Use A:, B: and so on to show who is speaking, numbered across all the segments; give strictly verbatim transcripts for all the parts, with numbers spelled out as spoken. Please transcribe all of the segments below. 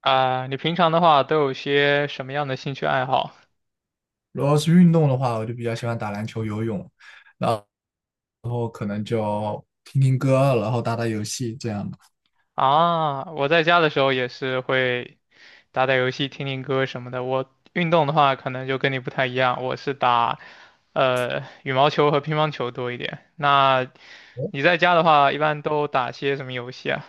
A: 啊，你平常的话都有些什么样的兴趣爱好
B: 如果是运动的话，我就比较喜欢打篮球、游泳，然后可能就听听歌，然后打打游戏这样的。
A: 啊？我在家的时候也是会打打游戏、听听歌什么的。我运动的话，可能就跟你不太一样，我是打呃羽毛球和乒乓球多一点。那你在家的话，一般都打些什么游戏啊？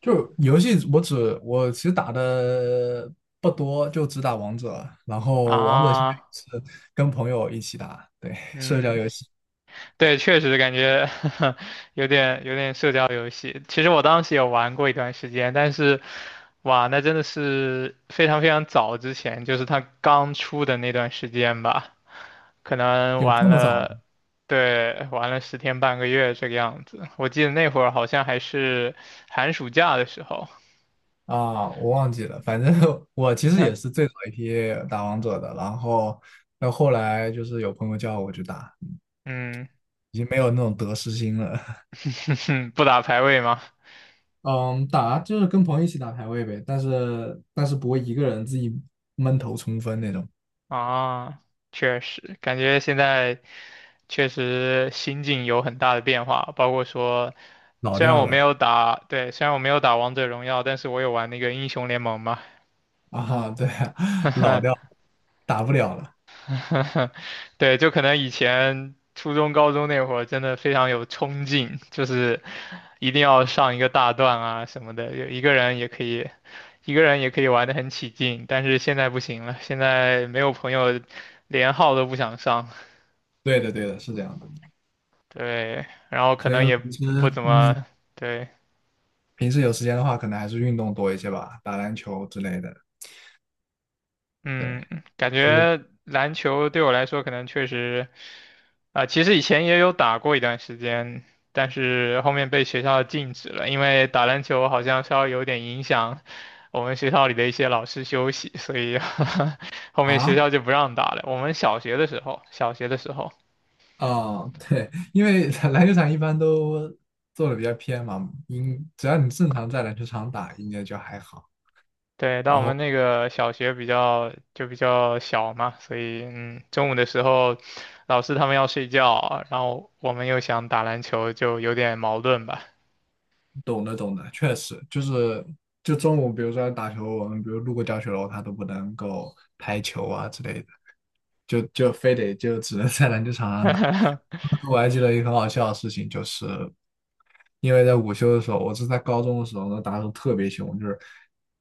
B: 就游戏，我只我其实打的不多，就只打王者，然后王者现
A: 啊，
B: 在也是跟朋友一起打，对，社交
A: 嗯。
B: 游戏
A: 对，确实感觉 有点有点社交游戏。其实我当时也玩过一段时间，但是，哇，那真的是非常非常早之前，就是它刚出的那段时间吧，可能
B: 有这
A: 玩
B: 么早吗？
A: 了，对，玩了十天半个月这个样子。我记得那会儿好像还是寒暑假的时候，
B: 啊，我忘记了，反正 我其实也是最早一批打王者的，然后到后来就是有朋友叫我去打，
A: 嗯，
B: 已经没有那种得失心了。
A: 不打排位吗？
B: 嗯，打就是跟朋友一起打排位呗，但是但是不会一个人自己闷头冲锋那种，
A: 啊，确实，感觉现在确实心境有很大的变化，包括说。
B: 老
A: 虽然
B: 掉
A: 我没
B: 了
A: 有打，对，虽然我没有打王者荣耀，但是我有玩那个英雄联盟嘛，
B: 啊，对啊，老掉了，打不了了。
A: 对，就可能以前初中、高中那会儿真的非常有冲劲，就是一定要上一个大段啊什么的，有一个人也可以，一个人也可以玩得很起劲，但是现在不行了，现在没有朋友，连号都不想上，
B: 对的，对的，是这样的。
A: 对，然后可
B: 所以
A: 能
B: 说
A: 也
B: 平时，
A: 不怎
B: 嗯，
A: 么，对，
B: 平时有时间的话，可能还是运动多一些吧，打篮球之类的。对，
A: 嗯，感
B: 就是
A: 觉篮球对我来说可能确实。啊、其实以前也有打过一段时间，但是后面被学校禁止了，因为打篮球好像稍微有点影响我们学校里的一些老师休息，所以 后面学
B: 啊
A: 校就不让打了。我们小学的时候，小学的时候，
B: 啊，对，因为 篮球场一般都做的比较偏嘛，应只要你正常在篮球场打，应该就还好。
A: 对，但我
B: 然
A: 们
B: 后。
A: 那个小学比较就比较小嘛，所以嗯，中午的时候老师他们要睡觉，然后我们又想打篮球，就有点矛盾吧。
B: 懂的懂的，确实就是就中午，比如说打球，我们比如路过教学楼，他都不能够拍球啊之类的，就就非得就只能在篮球场上打。我还记得一个很好笑的事情，就是因为在午休的时候，我是在高中的时候呢打得特别凶，就是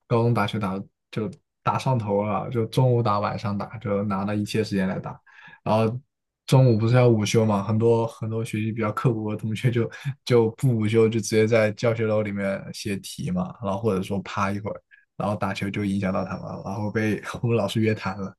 B: 高中打球打得就打上头了，就中午打晚上打，就拿了一切时间来打。然后中午不是要午休嘛，很多很多学习比较刻苦的同学就就不午休，就直接在教学楼里面写题嘛，然后或者说趴一会儿，然后打球就影响到他们了，然后被 我们老师约谈了。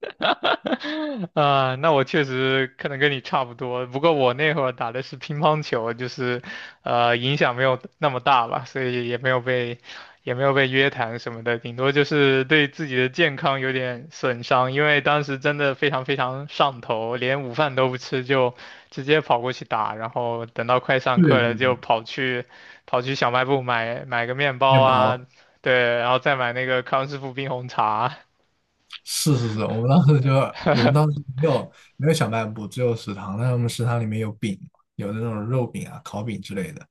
A: 啊，那我确实可能跟你差不多，不过我那会儿打的是乒乓球，就是，呃，影响没有那么大吧，所以也没有被，也没有被约谈什么的，顶多就是对自己的健康有点损伤，因为当时真的非常非常上头，连午饭都不吃就直接跑过去打，然后等到快上
B: 对
A: 课了
B: 对
A: 就
B: 对，
A: 跑去，跑去小卖部买买个面包
B: 面
A: 啊，
B: 包。
A: 对，然后再买那个康师傅冰红茶。
B: 是是是，我们当时就我们 当时没有没有小卖部，只有食堂。但是我们食堂里面有饼，有那种肉饼啊、烤饼之类的，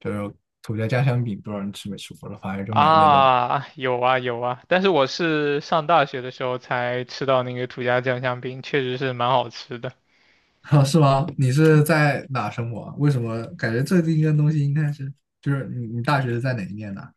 B: 就是土家家乡饼，不知道你吃没吃过了，反正就买那种。西。
A: 啊，有啊有啊，但是我是上大学的时候才吃到那个土家酱香饼，确实是蛮好吃的，
B: 啊，是吗？你是在哪生活啊？为什么感觉这第一个东西应该是就是你你大学是在哪一念的啊？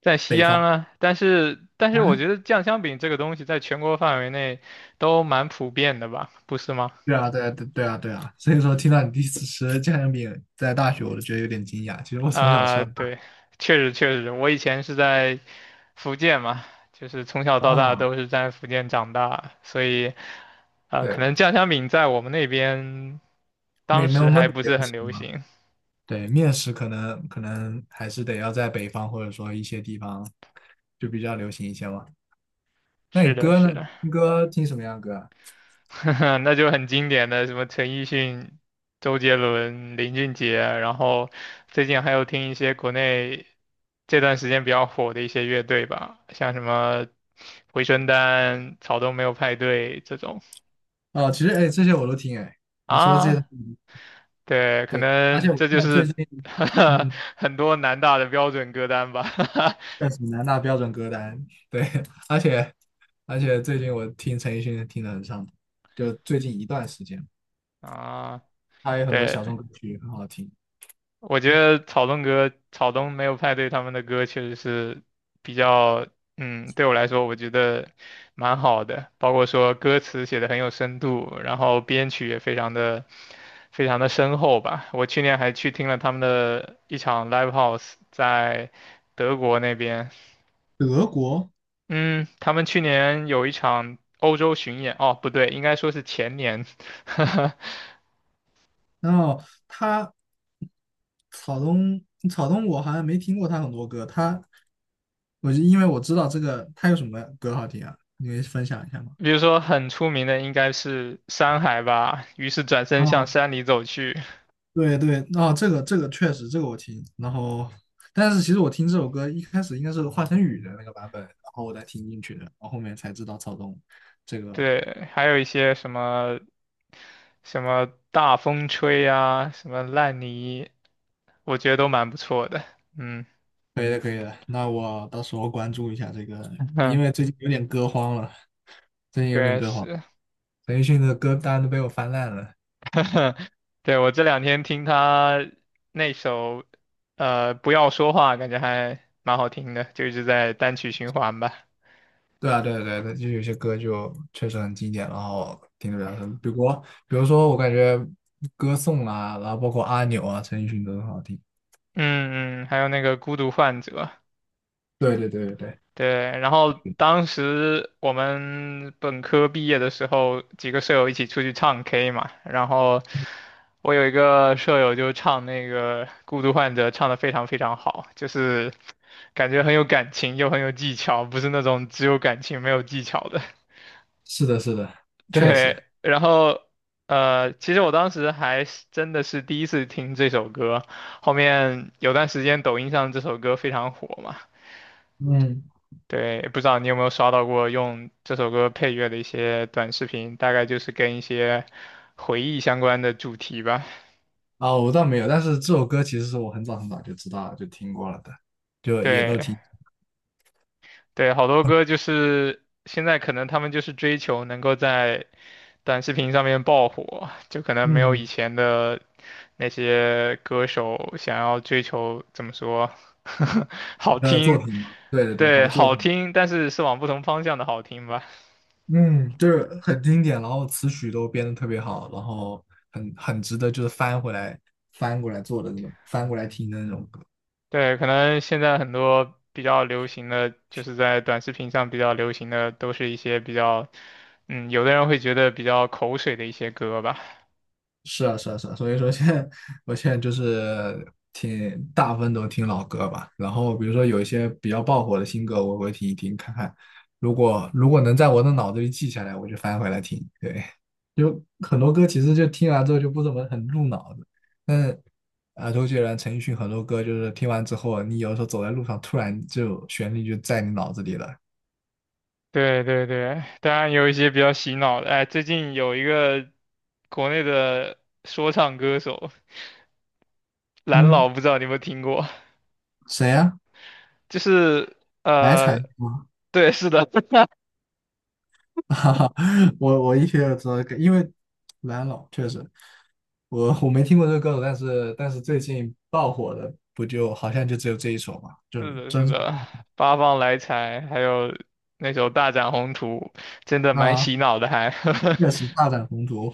A: 在西安啊。但是但是我觉得酱香饼这个东西在全国范围内都蛮普遍的吧，不是吗？
B: 对啊，对啊，对对啊，对啊。所以说听到你第一次吃家乡饼在大学，我都觉得有点惊讶。其实我从小吃
A: 啊，
B: 到大。
A: 对，确实确实，我以前是在福建嘛，就是从小到大
B: 哦，
A: 都是在福建长大，所以呃，
B: 对
A: 可能
B: 的，
A: 酱香饼在我们那边
B: 没
A: 当
B: 没有
A: 时
B: 焖
A: 还
B: 的
A: 不
B: 不要
A: 是很
B: 吃
A: 流
B: 吗？
A: 行。
B: 对，面食可能可能还是得要在北方或者说一些地方就比较流行一些嘛。那
A: 是
B: 你
A: 的，
B: 歌
A: 是
B: 呢？
A: 的。
B: 听歌听什么样的歌啊？
A: 那就很经典的什么陈奕迅、周杰伦、林俊杰啊，然后最近还有听一些国内这段时间比较火的一些乐队吧，像什么回春丹、草东没有派对这种
B: 哦，其实哎，这些我都听哎。你说的这些都
A: 啊，
B: 听
A: 对，可
B: 对，而且
A: 能
B: 我现
A: 这就
B: 在最
A: 是
B: 近 嗯，
A: 很多南大的标准歌单吧，
B: 在什么南大标准歌单，对，而且而且最近我听陈奕迅听的很上头，就最近一段时间，
A: 啊，
B: 他有很多
A: 对，
B: 小众歌曲很好听。
A: 我觉得草东哥、草东没有派对他们的歌确实是比较，嗯，对我来说我觉得蛮好的，包括说歌词写的很有深度，然后编曲也非常的非常的深厚吧。我去年还去听了他们的一场 live house，在德国那边，
B: 德国
A: 嗯，他们去年有一场欧洲巡演，哦，不对，应该说是前年，哈哈。
B: 然后他草东草东我好像没听过他很多歌，他我就因为我知道这个他有什么歌好听啊，你可以分享一下吗？
A: 比如说很出名的应该是山海吧，于是转身向
B: 哦，
A: 山里走去。
B: 对对，哦，这个这个确实这个我听，然后但是其实我听这首歌一开始应该是华晨宇的那个版本，然后我才听进去的，然后后面才知道草东这个。
A: 对，还有一些什么什么大风吹啊，什么烂泥，我觉得都蛮不错的。嗯，
B: 可以的，可以的。那我到时候关注一下这个，因
A: 哼，
B: 为最近有点歌荒了，最近有点
A: 对
B: 歌荒，
A: 是，
B: 陈奕迅的歌单都被我翻烂了。
A: 对我这两天听他那首呃不要说话，感觉还蛮好听的，就一直在单曲循环吧。
B: 对啊，对啊对啊对啊，就有些歌就确实很经典，然后听得比较深。比如，比如说，我感觉歌颂啊，然后包括阿牛啊、陈奕迅都很好听。
A: 嗯嗯，还有那个孤独患者。
B: 对对对对对，
A: 对，然后当时我们本科毕业的时候，几个舍友一起出去唱 K 嘛，然后我有一个舍友就唱那个《孤独患者》，唱得非常非常好，就是感觉很有感情又很有技巧，不是那种只有感情没有技巧的。
B: 是的，是的，确实。
A: 对，然后呃，其实我当时还是真的是第一次听这首歌，后面有段时间抖音上这首歌非常火嘛。
B: 嗯，
A: 对，不知道你有没有刷到过用这首歌配乐的一些短视频，大概就是跟一些回忆相关的主题吧。
B: 啊，我倒没有，但是这首歌其实是我很早很早就知道了，就听过了的，就也
A: 对
B: 都听。
A: 对，好多歌就是现在可能他们就是追求能够在短视频上面爆火，就可能没有以
B: 嗯，
A: 前的那些歌手想要追求怎么说，好
B: 呃，作
A: 听，
B: 品嘛，对对对，好
A: 对，
B: 的作
A: 好
B: 品。
A: 听，但是是往不同方向的好听吧。
B: 嗯，就是很经典，然后词曲都编的特别好，然后很很值得就是翻回来翻过来做的那种，翻过来听的那种歌。
A: 对，可能现在很多比较流行的，就是在短视频上比较流行的，都是一些比较，嗯，有的人会觉得比较口水的一些歌吧。
B: 是啊，是啊，是啊，所以说现在我现在就是听大部分都听老歌吧，然后比如说有一些比较爆火的新歌，我会听一听看看，如果如果能在我的脑子里记下来，我就翻回来听。对，就很多歌其实就听完之后就不怎么很入脑子，但是啊，周杰伦、陈奕迅很多歌就是听完之后，你有时候走在路上，突然就旋律就在你脑子里了。
A: 对对对，当然有一些比较洗脑的。哎，最近有一个国内的说唱歌手蓝老，
B: 嗯，
A: 不知道你有没有听过？
B: 谁呀、
A: 就是
B: 来
A: 呃，
B: 财？
A: 对，是的，
B: 我我一听就知道这个因为蓝老确实，我我没听过这个歌手，但是但是最近爆火的不就好像就只有这一首嘛，就是
A: 是的，是
B: 真
A: 的，八方来财，还有那首《大展宏图》，真的蛮
B: 啊，
A: 洗脑的还，
B: 确实大展宏图，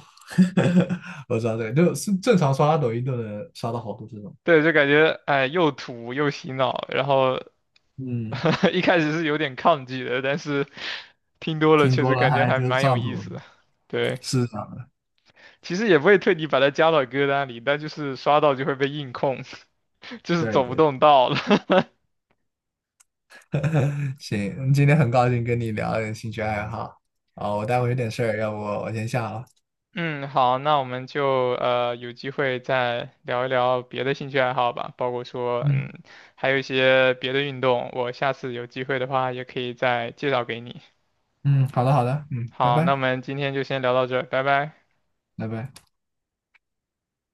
B: 我知道这个，就是正常刷抖音都能刷到好多这种，
A: 对，就感觉哎又土又洗脑，然后
B: 嗯，
A: 一开始是有点抗拒的，但是听多了
B: 听
A: 确
B: 多
A: 实
B: 了
A: 感觉
B: 还
A: 还
B: 就
A: 蛮有
B: 上
A: 意
B: 头了，
A: 思的。对，
B: 是这样的，
A: 其实也不会特地把它加到歌单里，但就是刷到就会被硬控，就是
B: 对
A: 走不
B: 对，
A: 动道了。
B: 行，今天很高兴跟你聊点兴趣爱好，啊，我待会有点事儿，要不我先下了，
A: 嗯，好，那我们就呃有机会再聊一聊别的兴趣爱好吧，包括说嗯
B: 嗯
A: 还有一些别的运动，我下次有机会的话也可以再介绍给你。
B: 嗯，好的好的，嗯，拜
A: 好，那
B: 拜
A: 我们今天就先聊到这儿，拜拜。
B: 拜拜。